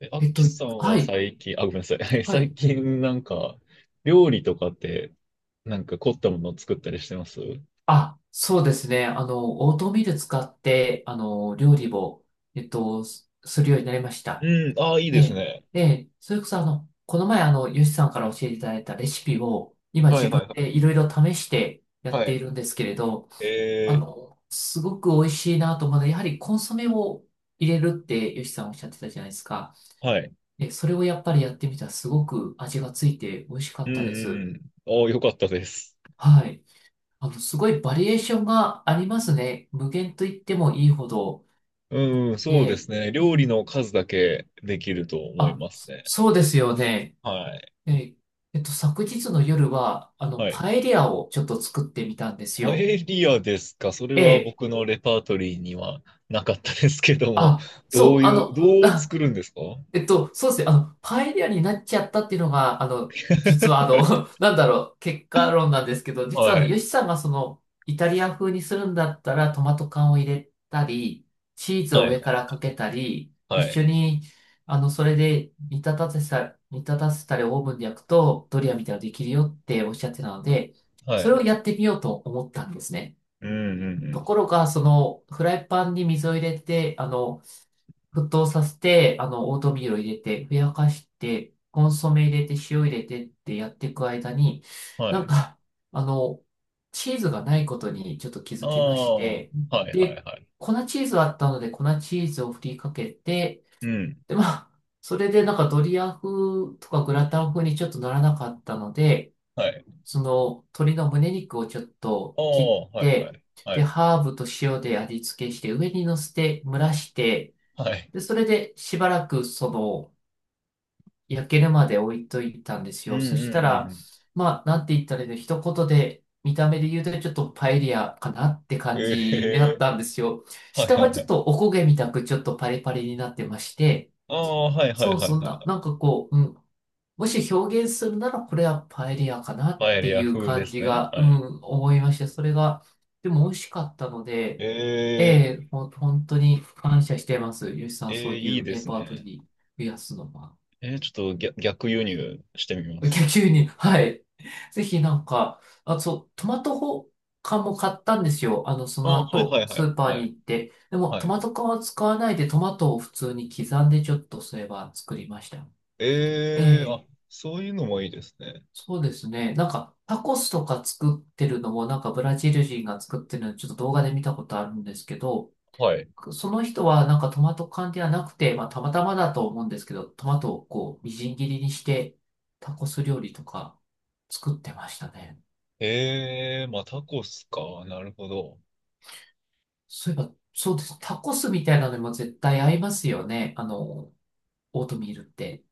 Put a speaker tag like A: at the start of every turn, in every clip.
A: ア
B: え
A: ッ
B: っ
A: キ
B: と、
A: ーさんは
B: はい、
A: 最近、あ、ごめんなさい。
B: は
A: 最
B: い。
A: 近なんか、料理とかって、なんか凝ったものを作ったりしてますう？
B: あ、そうですね。オートミール使って、料理を、すするようになりました。
A: ん、ああ、いいです
B: で、
A: ね。
B: で、それこそ、この前、ヨシさんから教えていただいたレシピを、今
A: は
B: 自
A: い
B: 分
A: はいはい。
B: でいろいろ試してやっ
A: は
B: てい
A: い。
B: るんですけれど、
A: え
B: すごく美味しいなと思うので、やはりコンソメを入れるってヨシさんおっしゃってたじゃないですか。
A: はい。
B: で、それをやっぱりやってみたら、すごく味がついて美味しか
A: う
B: っ
A: ん
B: たで
A: うんう
B: す。
A: ん。ああ、よかったです。
B: はい。すごいバリエーションがありますね。無限と言ってもいいほど。
A: うん、そうで
B: で、
A: すね。
B: う
A: 料理
B: ん。
A: の数だけできると思い
B: あ、
A: ます
B: そ
A: ね。
B: そうですよね。
A: はい。
B: え、昨日の夜は、
A: はい。
B: パエリアをちょっと作ってみたんです
A: パ
B: よ。
A: エリアですか？それ
B: え
A: は
B: え。
A: 僕のレパートリーにはなかったですけども、
B: あ、そう、
A: どう作 るんですか？
B: そうですね。パエリアになっちゃったっていうのが、実はなんだろう、結果論なんですけど、実は
A: は
B: ヨ
A: い。
B: シさんがイタリア風にするんだったら、トマト缶を入れたり、チーズ
A: は
B: を
A: い
B: 上
A: は
B: か
A: い
B: らかけたり、
A: は
B: 一緒
A: い。
B: に、それで煮立たせたりオーブンで焼くと、ドリアみたいなのできるよっておっしゃってたので、
A: は
B: それを
A: い。
B: やってみようと思ったんですね。
A: うんうんう
B: とこ
A: ん。
B: ろが、フライパンに水を入れて、沸騰させて、オートミールを入れて、ふやかして、コンソメ入れて、塩入れてってやっていく間に、
A: は
B: なん
A: い。
B: か、あの、チーズがないことにちょっと気
A: あ
B: づきまし
A: あ、は
B: て、
A: いはい
B: で、
A: はい。
B: 粉チーズあったので、粉チーズを振りかけて、
A: うん。
B: で、まあ、それでなんかドリア風とかグラタン風にちょっとならなかったので、
A: はい。
B: その鶏の胸肉をちょっ
A: あ
B: と切
A: あ、
B: っ
A: はいは
B: て、
A: いは
B: で、
A: い。
B: ハーブと塩で味付けして、上に乗せて蒸らして、
A: はい。
B: で、それでしばらくその焼けるまで置いといたんです
A: うん
B: よ。
A: う
B: そした
A: んう
B: ら、
A: ん。
B: まあ、なんて言ったらいいの、一言で見た目で言うとちょっとパエリアかなって感
A: え
B: じにな
A: え
B: ったんですよ。
A: ー、はい
B: 下
A: は
B: は
A: いは
B: ちょっ
A: い。
B: とお焦げみたくちょっとパリパリになってまして、
A: ああ、はいはいは
B: そうそ
A: い
B: う、
A: はい。
B: なんかこう、もし表現するならこれはパエリアかなっ
A: パエ
B: て
A: リア
B: いう
A: 風で
B: 感
A: す
B: じ
A: ね。
B: が、
A: はい。
B: 思いました。それが、でも美味しかったので、え
A: ええ、
B: え、本当に感謝してます。よしさん、
A: え
B: そう
A: え、
B: い
A: いい
B: う
A: で
B: レ
A: す
B: パート
A: ね。
B: リー増やすのは。
A: ちょっと逆輸入してみます。
B: 逆に、はい。ぜひなんか、あ、そう、トマト缶も買ったんですよ。そ
A: あ
B: の
A: あ、はいは
B: 後、
A: いは
B: ス
A: い。
B: ーパー
A: は
B: に
A: い。
B: 行って。でも、
A: は
B: ト
A: い。
B: マト缶は使わないで、トマトを普通に刻んでちょっとすれば作りました。え
A: ええ、
B: え、
A: あ、そういうのもいいですね。
B: そうですね。なんか、タコスとか作ってるのも、なんかブラジル人が作ってるの、ちょっと動画で見たことあるんですけど、
A: はい。
B: その人はなんかトマト缶ではなくて、まあたまたまだと思うんですけど、トマトをこう、みじん切りにして、タコス料理とか作ってましたね。
A: ええ、まあ、タコスか。なるほど。
B: そういえば、そうです。タコスみたいなのにも絶対合いますよね。オートミールって。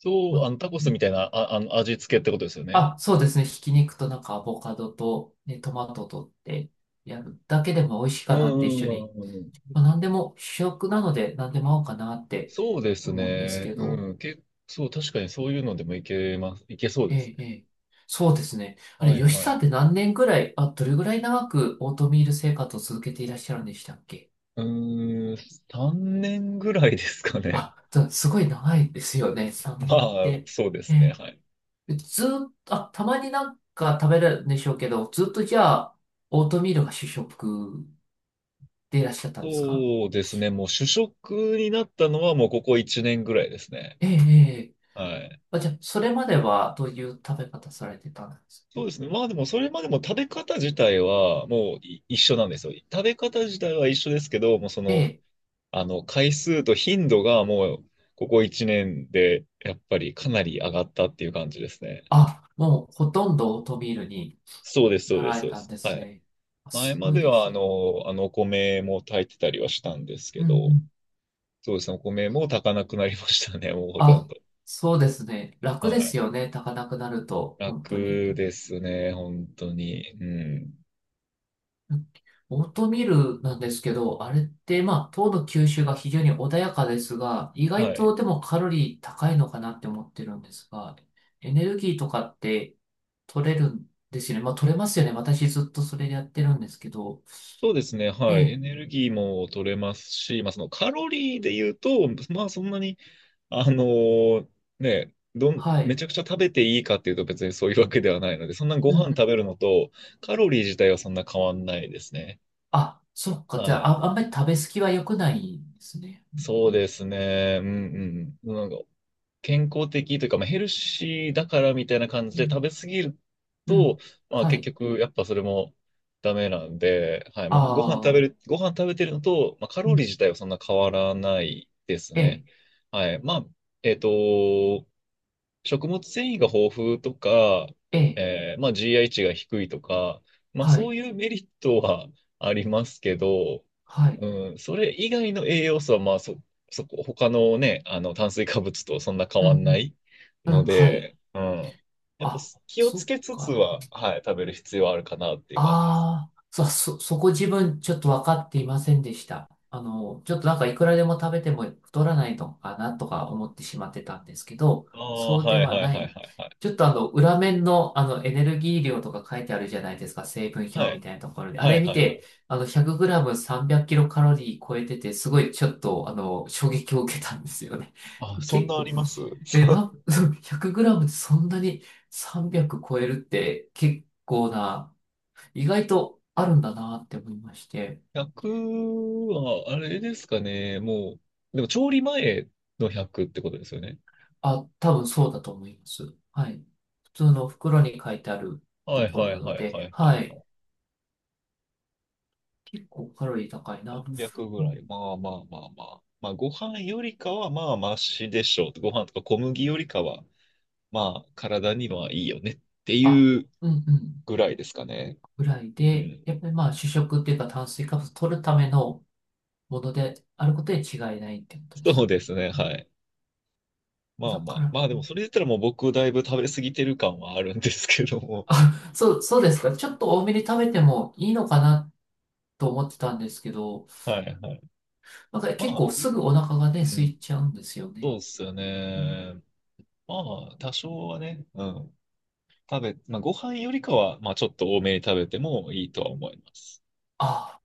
A: そう、あ
B: ま
A: の、タコ
B: う
A: スみ
B: ん
A: たいな、あ、味付けってことですよね。
B: そうですね。ひき肉となんかアボカドと、ね、トマトとってやるだけでも美味しい
A: うん
B: かな
A: う
B: って一緒
A: ん
B: に。
A: うんうん。
B: まあ、何でも主役なので何でも合うかなって
A: そうです
B: 思うんです
A: ね。
B: けど。
A: うん。そう、確かにそういうのでもいけます。いけそう
B: え
A: です
B: え、
A: ね。
B: ええ。そうですね。あれ、
A: はい
B: 吉
A: はい。
B: さんって何年ぐらい、あ、どれぐらい長くオートミール生活を続けていらっしゃるんでしたっけ？
A: うーん、3年ぐらいですかね。
B: あ、すごい長いですよね。3
A: ま
B: 年っ
A: あ、
B: て。
A: そうで
B: え
A: すね。はい。
B: え。ずーっと、あ、たまになんか食べるんでしょうけど、ずっとじゃあ、オートミールが主食でいらっしゃったんですか？
A: そうですね。もう主食になったのはもうここ1年ぐらいですね。
B: ええ、ええ。
A: はい。
B: あ、じゃあ、それまではどういう食べ方されてたんですか？
A: そうですね。まあでもそれまでも食べ方自体はもう一緒なんですよ。食べ方自体は一緒ですけど、もうそ
B: え
A: の
B: え、
A: 回数と頻度がもう、ここ1年で、やっぱりかなり上がったっていう感じですね。
B: あ、もうほとんどオートミールに
A: そうです、そう
B: な
A: で
B: ら
A: す、そ
B: れ
A: うで
B: たん
A: す。
B: です
A: はい。
B: ね。あ、
A: 前
B: す
A: ま
B: ごい
A: で
B: で
A: は、
B: す。
A: お米も炊いてたりはしたんです
B: う
A: け
B: んう
A: ど、
B: ん。
A: そうですね、お米も炊かなくなりましたね、もうほとん
B: あ、
A: ど。
B: そうですね。楽
A: は
B: です
A: い。
B: よね。炊かなくなると、本当に。
A: 楽ですね、本当に。うん。
B: うんオートミールなんですけど、あれって、まあ、糖の吸収が非常に穏やかですが、意外
A: はい。
B: とでもカロリー高いのかなって思ってるんですが、エネルギーとかって取れるんですよね。まあ、取れますよね。私ずっとそれでやってるんですけど。
A: そうですね、
B: え
A: はい。エ
B: え、
A: ネルギーも取れますし、まあ、そのカロリーで言うと、まあ、そんなに、あのーね、
B: は
A: め
B: い。
A: ちゃくちゃ食べていいかっていうと別にそういうわけではないので、そんなご
B: う
A: 飯
B: ん
A: 食べるのとカロリー自体はそんな変わんないですね。
B: あ、そっか。じ
A: は
B: ゃ
A: い。
B: あ、あ、あんまり食べ過ぎは良くないんですね。本当
A: そう
B: に。
A: ですね。うんうん。なんか健康的というか、まあ、ヘルシーだからみたいな感じ
B: う
A: で食
B: ん。
A: べ過ぎる
B: う
A: と、
B: ん。
A: まあ
B: は
A: 結
B: い。
A: 局やっぱそれもダメなんで、はい。
B: あ
A: まあ、ご飯食べ
B: あ。
A: る、ご飯食べてるのと、まあ、カ
B: う
A: ロリー
B: ん。
A: 自体はそんな変わらないです
B: え
A: ね。
B: え。
A: はい。まあ、えっと、食物繊維が豊富とか、
B: ええ。
A: まあ、GI 値が低いとか、まあ、
B: は
A: そ
B: い。
A: ういうメリットはありますけど、
B: はい。
A: うん、それ以外の栄養素は、まあ、そこ、他のね、炭水化物とそんな変
B: う
A: わんな
B: ん。
A: い
B: うん。う
A: の
B: ん。はい。
A: で、うん。やっぱ
B: あ、
A: 気を
B: そ
A: つ
B: っ
A: けつつ
B: か。
A: は、はい、食べる必要はあるかなっていう感じです。
B: ああ、そこ自分ちょっと分かっていませんでした。ちょっとなんかいくらでも食べても太らないのかなとか思ってしまってたんですけど、
A: ああ、
B: そうで
A: はい
B: は
A: はい
B: な
A: はい
B: い。
A: はいはい。
B: ちょっと裏面のエネルギー量とか書いてあるじゃないですか、成分
A: は
B: 表み
A: い、
B: たいなところで。あ
A: はい
B: れ
A: は
B: 見
A: いはい。
B: て、100g 300キロカロリー超えてて、すごいちょっと衝撃を受けたんですよね。
A: あ、そん
B: 結
A: なあ
B: 構、
A: ります？
B: え、な、100グラムでそんなに300超えるって結構な意外とあるんだなって思いまして、
A: 100は、あれですかね、もう、でも調理前の100ってことですよね。
B: あ、多分そうだと思います。はい。普通の袋に書いてある
A: は
B: と
A: い
B: こ
A: は
B: ろな
A: い
B: の
A: はいは
B: で、
A: いは
B: は
A: いは
B: い。
A: い。
B: 結構カロリー高いなと。
A: 300ぐ
B: う
A: ら
B: ん、
A: い。まあまあまあまあ。まあご飯よりかはまあマシでしょう。ご飯とか小麦よりかは、まあ体にはいいよねって
B: あ、
A: いう
B: うんうん。
A: ぐらいですかね。
B: ぐらい
A: う
B: で、
A: ん。
B: やっぱりまあ主食っていうか炭水化物取るためのものであることに違いないってことで
A: そう
B: す
A: で
B: ね。
A: すね、
B: うん
A: はい。まあ
B: だ
A: ま
B: か
A: あ。
B: ら、
A: まあでもそれ言ったらもう僕だいぶ食べ過ぎてる感はあるんですけども。
B: そうですか。ちょっと多めに食べてもいいのかなと思ってたんですけど、
A: はいはい。
B: なんか結
A: まあ
B: 構
A: い
B: すぐお
A: い。
B: 腹がね、
A: う
B: 空
A: ん。
B: いちゃうんですよ
A: そう
B: ね。
A: ですよ
B: うん
A: ね。まあ、多少はね、うん。まあ、ご飯よりかは、まあ、ちょっと多めに食べてもいいとは思います。
B: ああ、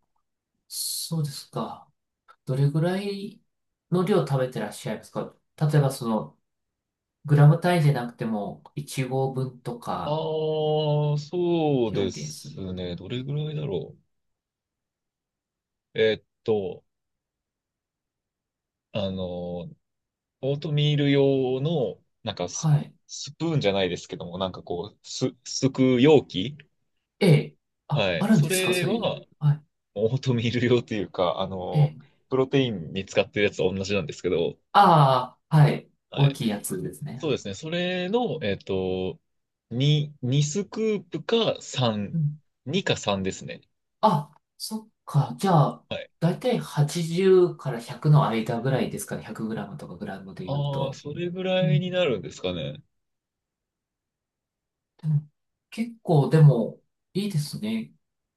B: そうですか。どれぐらいの量食べてらっしゃいますか？例えばその、グラム単位じゃなくても、1合分と
A: あ
B: か
A: あ、そうで
B: 表現す
A: す
B: る。
A: ね。どれぐらいだろう。あの、オートミール用の、なんかス、
B: はい。
A: スプーンじゃないですけども、なんかこう、すく容器。
B: ええ。あ、
A: はい。
B: あるん
A: そ
B: ですか、
A: れ
B: そういうの。
A: は、
B: はい。
A: オートミール用というか、
B: ええ。
A: プロテインに使ってるやつと同じなんですけど、
B: ああ、はい。
A: は
B: 大
A: い。
B: きいやつですね。
A: そうですね。それの、2スクープか3、
B: うん。
A: 2か3ですね。
B: あ、そっか。じゃあ、
A: はい。
B: だいたい80から100の間ぐらいですかね。100グラムとかグラムで言う
A: ああ、
B: と。
A: それぐ
B: う
A: らいに
B: ん。
A: なるんですかね。
B: でも、結構、でも、いいですね。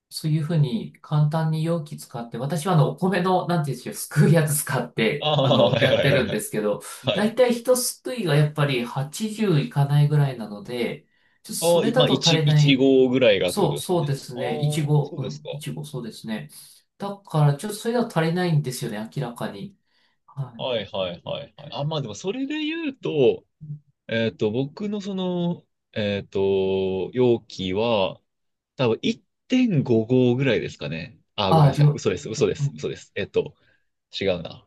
B: そういうふうに簡単に容器使って、私はお
A: は
B: 米
A: い。
B: の、なんていうんでしょう、すくうやつ使っ
A: あ
B: て、
A: あ、はい
B: やっ
A: は
B: て
A: いは
B: る
A: い
B: ん
A: は
B: で
A: い。
B: すけど、
A: は
B: だ
A: い。
B: いたい一すくいがやっぱり80いかないぐらいなので、ちょっと
A: あ
B: そ
A: あ、
B: れ
A: ま
B: だ
A: あ、
B: と足
A: 1、
B: り
A: い
B: な
A: ち
B: い。
A: 号ぐらいがってこ
B: そ
A: と
B: う、
A: ですか
B: そうで
A: ね。
B: す
A: ああ、
B: ね。
A: そうですか。
B: いちご、そうですね。だから、ちょっとそれだと足りないんですよね、明らかに。はい。
A: はいはいはいはい。あ、まあでもそれで言うと、僕のその、えっと、容器は、多分1.5号ぐらいですかね。ああ、ご
B: あ
A: めん
B: あ、
A: なさい。嘘です、嘘で
B: う
A: す、嘘
B: ん。
A: です。違うな。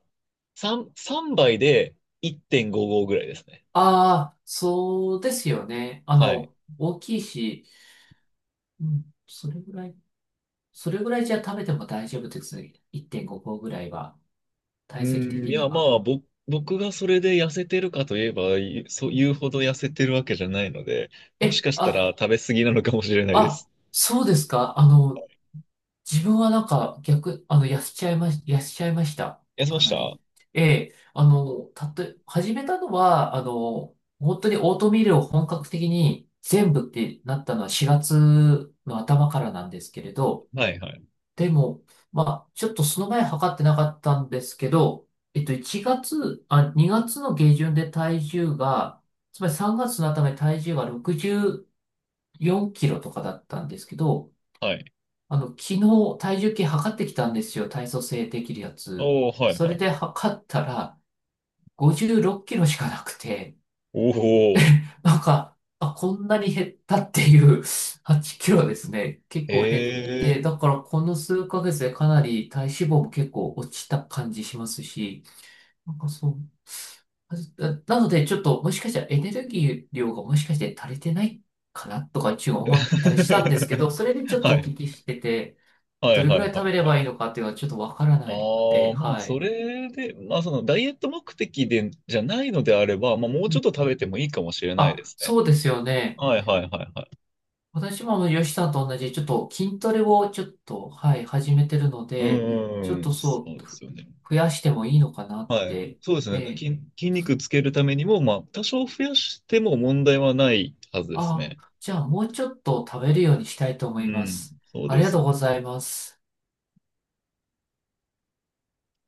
A: 3杯で1.55ぐらいですね。
B: ああ、そうですよね。
A: はい。
B: 大きいし、うん、それぐらい。それぐらいじゃ食べても大丈夫です。1.5合ぐらいは、
A: う
B: 体積
A: ん、い
B: 的に
A: や、ま
B: は。
A: あ、僕がそれで痩せてるかといえば、そ
B: う
A: うい
B: ん
A: うほど痩せてるわけじゃないので、もし
B: え、
A: かしたら
B: あ、
A: 食べ過ぎなのかもしれないで
B: あ、
A: す。
B: そうですか。自分はなんか逆、痩せちゃいました。
A: 痩せま
B: か
A: し
B: な
A: た？は
B: り。ええ、たとえ、始めたのは、本当にオートミールを本格的に全部ってなったのは4月の頭からなんですけれど、
A: いはい。
B: でも、まあ、ちょっとその前測ってなかったんですけど、1月、あ、2月の下旬で体重が、つまり3月の頭に体重が64キロとかだったんですけど、
A: はい。
B: 昨日体重計測ってきたんですよ。体組成できるやつ。
A: おー、はいは
B: それ
A: い
B: で
A: はい。
B: 測ったら56キロしかなくて、
A: おー、
B: なんか、あ、こんなに減ったっていう 8キロですね。結構減っ
A: え
B: て、だ
A: ー。
B: からこの数ヶ月でかなり体脂肪も結構落ちた感じしますし、なんかそう。あ、なのでちょっともしかしたらエネルギー量がもしかして足りてないかなとか一応思ったりしたんですけど、それで ちょっと
A: は
B: お
A: い
B: 聞きしてて、
A: は
B: ど
A: い
B: れ
A: は
B: ぐら
A: い
B: い食
A: は
B: べ
A: い
B: れ
A: は
B: ば
A: い。
B: いいのかっていうのはちょっとわから
A: あ
B: ないので、
A: あ、まあ、
B: は
A: そ
B: い。
A: れで、まあ、そのダイエット目的でじゃないのであれば、まあ、もう
B: う
A: ちょ
B: ん
A: っと食べてもいいかもしれないで
B: あ、
A: すね。
B: そうですよね。
A: はいはいはいはい。
B: 私も吉さんと同じ、ちょっと筋トレをちょっと、はい、始めてるの
A: うんう
B: で、ちょっ
A: んう
B: と
A: ん、そ
B: そ
A: う
B: う、
A: ですよね。
B: 増やしてもいいのかなっ
A: はい。
B: て。
A: そうで
B: え
A: すね。
B: え。
A: 筋肉つけるためにも、まあ、多少増やしても問題はないはずです
B: あ
A: ね。
B: あ、じゃあもうちょっと食べるようにしたいと
A: う
B: 思いま
A: ん、
B: す。
A: そう
B: あ
A: で
B: りが
A: す
B: とう
A: ね。
B: ございます。